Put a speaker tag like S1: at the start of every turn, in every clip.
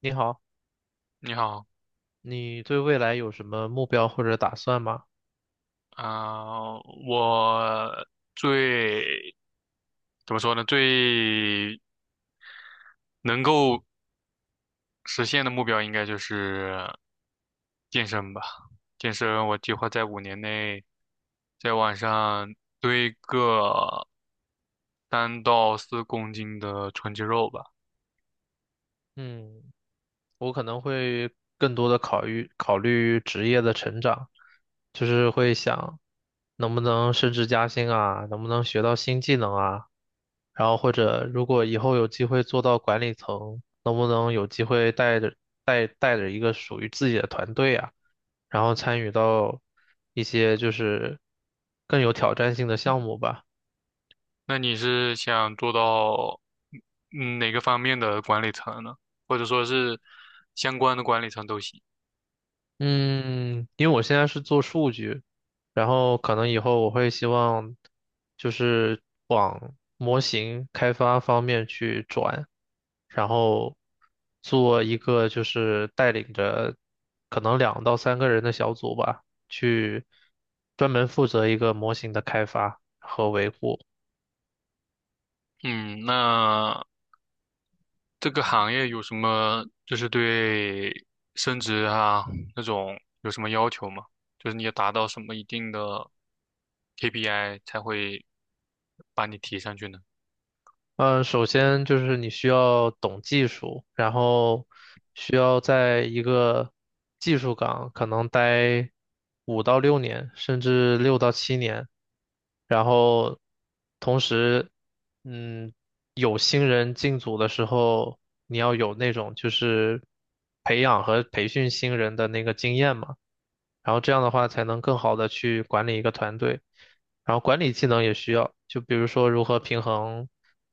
S1: 你好，
S2: 你好，
S1: 你对未来有什么目标或者打算吗？
S2: 啊、我最怎么说呢？最能够实现的目标应该就是健身吧。健身，我计划在五年内在晚上堆个3到4公斤的纯肌肉吧。
S1: 嗯，我可能会更多的考虑考虑职业的成长，就是会想能不能升职加薪啊，能不能学到新技能啊，然后或者如果以后有机会做到管理层，能不能有机会带着一个属于自己的团队啊，然后参与到一些就是更有挑战性的项目吧。
S2: 那你是想做到哪个方面的管理层呢？或者说是相关的管理层都行？
S1: 嗯，因为我现在是做数据，然后可能以后我会希望就是往模型开发方面去转，然后做一个就是带领着可能两到三个人的小组吧，去专门负责一个模型的开发和维护。
S2: 嗯，那，这个行业有什么就是对升职啊那种有什么要求吗？就是你要达到什么一定的 KPI 才会把你提上去呢？
S1: 嗯，首先就是你需要懂技术，然后需要在一个技术岗可能待5到6年，甚至6到7年，然后同时，嗯，有新人进组的时候，你要有那种就是培养和培训新人的那个经验嘛。然后这样的话才能更好的去管理一个团队，然后管理技能也需要，就比如说如何平衡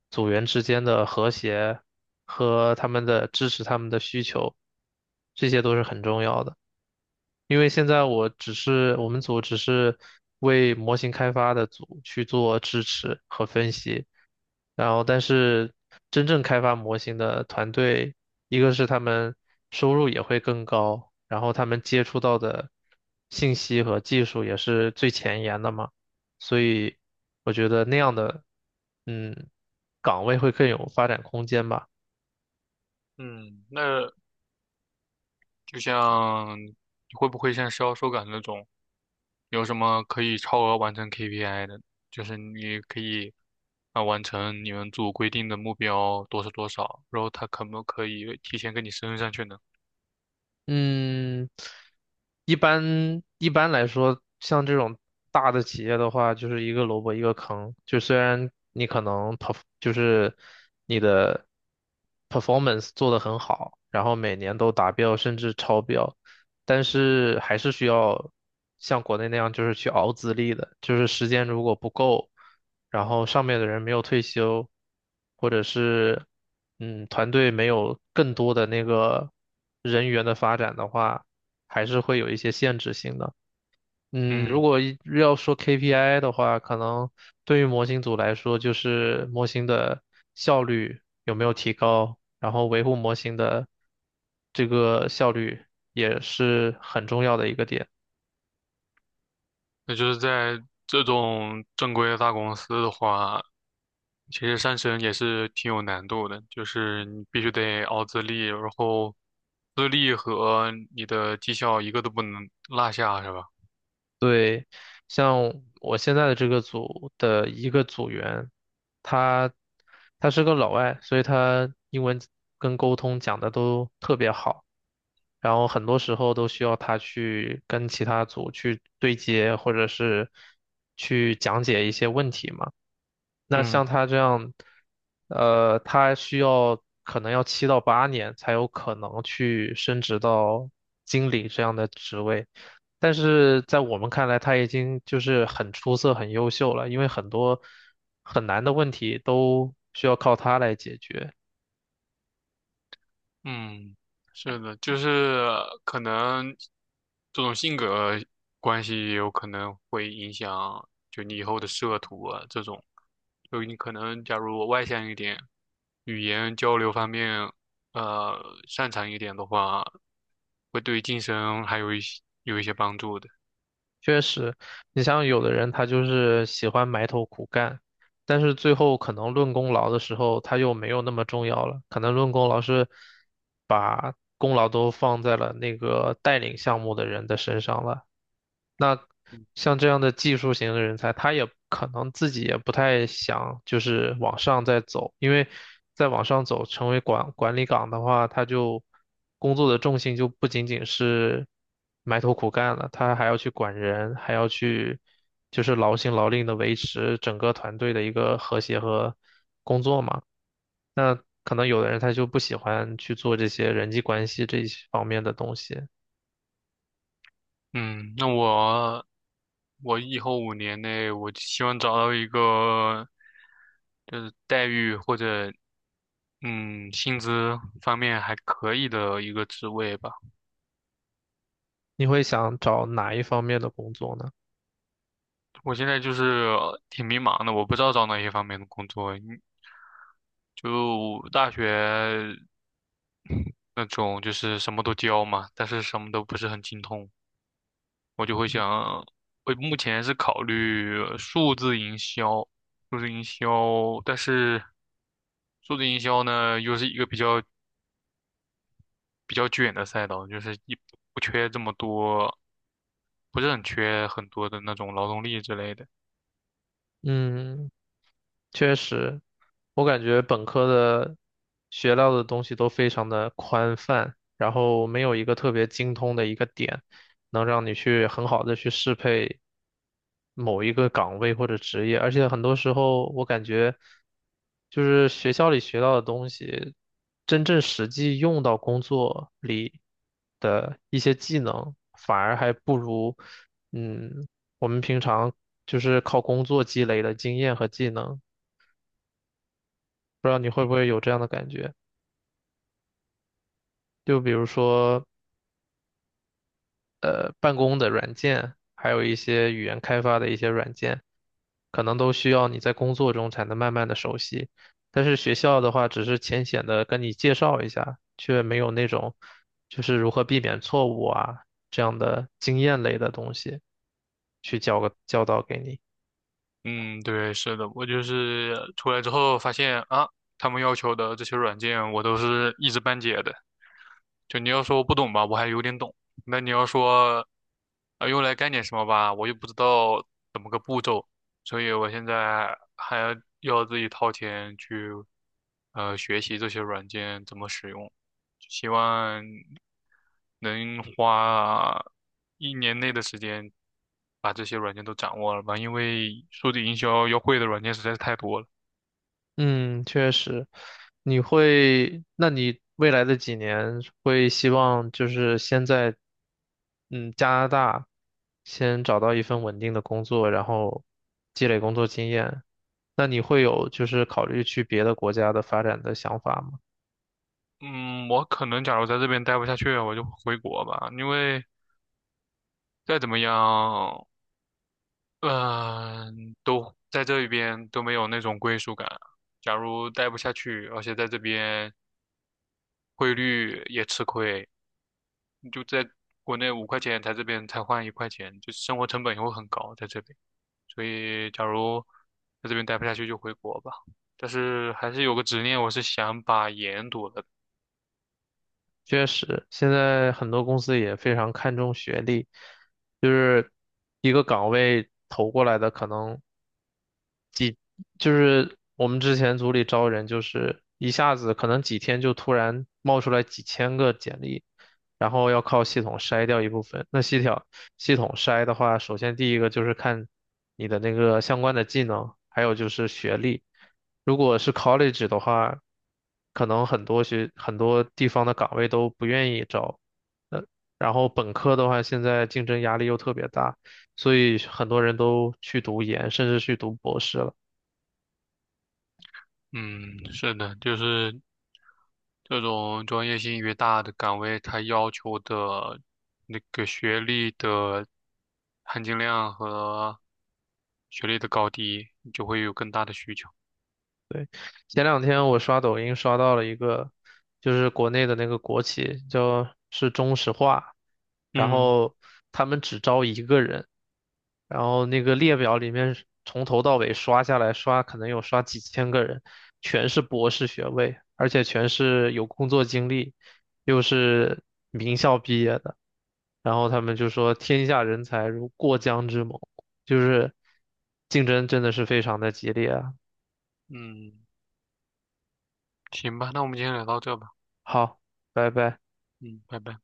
S1: 组员之间的和谐和他们的支持他们的需求，这些都是很重要的。因为现在我们组只是为模型开发的组去做支持和分析，然后但是真正开发模型的团队，一个是他们收入也会更高，然后他们接触到的信息和技术也是最前沿的嘛，所以我觉得那样的嗯岗位会更有发展空间吧。
S2: 嗯，那就像你会不会像销售岗那种，有什么可以超额完成 KPI 的？就是你可以完成你们组规定的目标多少多少，然后他可不可以提前给你升上去呢？
S1: 嗯，一般来说，像这种大的企业的话，就是一个萝卜一个坑。就虽然你可能 p e r 就是你的 performance 做得很好，然后每年都达标甚至超标，但是还是需要像国内那样就是去熬资历的，就是时间如果不够。然后上面的人没有退休，或者是团队没有更多的那个人员的发展的话，还是会有一些限制性的。嗯，如
S2: 嗯。
S1: 果一要说 KPI 的话，可能对于模型组来说，就是模型的效率有没有提高，然后维护模型的这个效率也是很重要的一个点。
S2: 那就是在这种正规的大公司的话，其实上升也是挺有难度的，就是你必须得熬资历，然后资历和你的绩效一个都不能落下，是吧？
S1: 对，像我现在的这个组的一个组员，他他是个老外，所以他英文跟沟通讲的都特别好，然后很多时候都需要他去跟其他组去对接，或者是去讲解一些问题嘛。那
S2: 嗯，
S1: 像他这样，他需要可能要7到8年才有可能去升职到经理这样的职位，但是在我们看来，他已经就是很出色、很优秀了，因为很多很难的问题都需要靠他来解决。
S2: 嗯，是的，就是可能这种性格关系也有可能会影响，就你以后的仕途啊这种。就你可能假如我外向一点，语言交流方面呃擅长一点的话，会对晋升还有一些帮助的。
S1: 确实，你像有的人他就是喜欢埋头苦干，但是最后可能论功劳的时候他又没有那么重要了，可能论功劳是把功劳都放在了那个带领项目的人的身上了。那像这样的技术型的人才，他也可能自己也不太想就是往上再走，因为再往上走成为管理岗的话，他就工作的重心就不仅仅是埋头苦干了，他还要去管人，还要去就是劳心劳力的维持整个团队的一个和谐和工作嘛。那可能有的人他就不喜欢去做这些人际关系这一方面的东西。
S2: 嗯，那我以后五年内，我就希望找到一个就是待遇或者薪资方面还可以的一个职位吧。
S1: 你会想找哪一方面的工作呢？
S2: 我现在就是挺迷茫的，我不知道找哪些方面的工作。你就大学那种就是什么都教嘛，但是什么都不是很精通。我就会
S1: 嗯，
S2: 想，我目前是考虑数字营销，数字营销，但是数字营销呢，又是一个比较卷的赛道，就是一不缺这么多，不是很缺很多的那种劳动力之类的。
S1: 嗯确实，我感觉本科的学到的东西都非常的宽泛，然后没有一个特别精通的一个点，能让你去很好的去适配某一个岗位或者职业，而且很多时候我感觉，就是学校里学到的东西，真正实际用到工作里的一些技能，反而还不如，嗯，我们平常就是靠工作积累的经验和技能。不知道你会不会有这样的感觉？就比如说，办公的软件，还有一些语言开发的一些软件，可能都需要你在工作中才能慢慢的熟悉。但是学校的话，只是浅显的跟你介绍一下，却没有那种就是如何避免错误啊这样的经验类的东西去教导给你。
S2: 嗯，对，是的，我就是出来之后发现啊，他们要求的这些软件，我都是一知半解的。就你要说我不懂吧，我还有点懂。那你要说，啊，用来干点什么吧，我又不知道怎么个步骤，所以我现在还要自己掏钱去，学习这些软件怎么使用，希望能花1年内的时间把这些软件都掌握了吧，因为数字营销要会的软件实在是太多了。
S1: 嗯，确实，那你未来的几年会希望就是先在，加拿大先找到一份稳定的工作，然后积累工作经验。那你会有就是考虑去别的国家的发展的想法吗？
S2: 嗯，我可能假如在这边待不下去，我就回国吧，因为再怎么样。嗯，都在这一边都没有那种归属感。假如待不下去，而且在这边汇率也吃亏，你就在国内5块钱，在这边才换1块钱，就生活成本也会很高在这边。所以，假如在这边待不下去，就回国吧。但是还是有个执念，我是想把研读了。
S1: 确实，现在很多公司也非常看重学历，就是一个岗位投过来的可能。就是我们之前组里招人，就是一下子可能几天就突然冒出来几千个简历，然后要靠系统筛掉一部分。那系统筛的话，首先第一个就是看你的那个相关的技能，还有就是学历。如果是 college 的话，可能很多地方的岗位都不愿意招。呃，然后本科的话，现在竞争压力又特别大，所以很多人都去读研，甚至去读博士了。
S2: 嗯，是的，就是这种专业性越大的岗位，它要求的那个学历的含金量和学历的高低，就会有更大的需求。
S1: 前两天我刷抖音刷到了一个，就是国内的那个国企，叫是中石化，然
S2: 嗯
S1: 后他们只招一个人，然后那个列表里面是从头到尾刷下来刷，可能有刷几千个人，全是博士学位，而且全是有工作经历，又是名校毕业的，然后他们就说天下人才如过江之猛，就是竞争真的是非常的激烈啊。
S2: 嗯，行吧，那我们今天聊到这吧。
S1: 好，拜拜。
S2: 嗯，拜拜。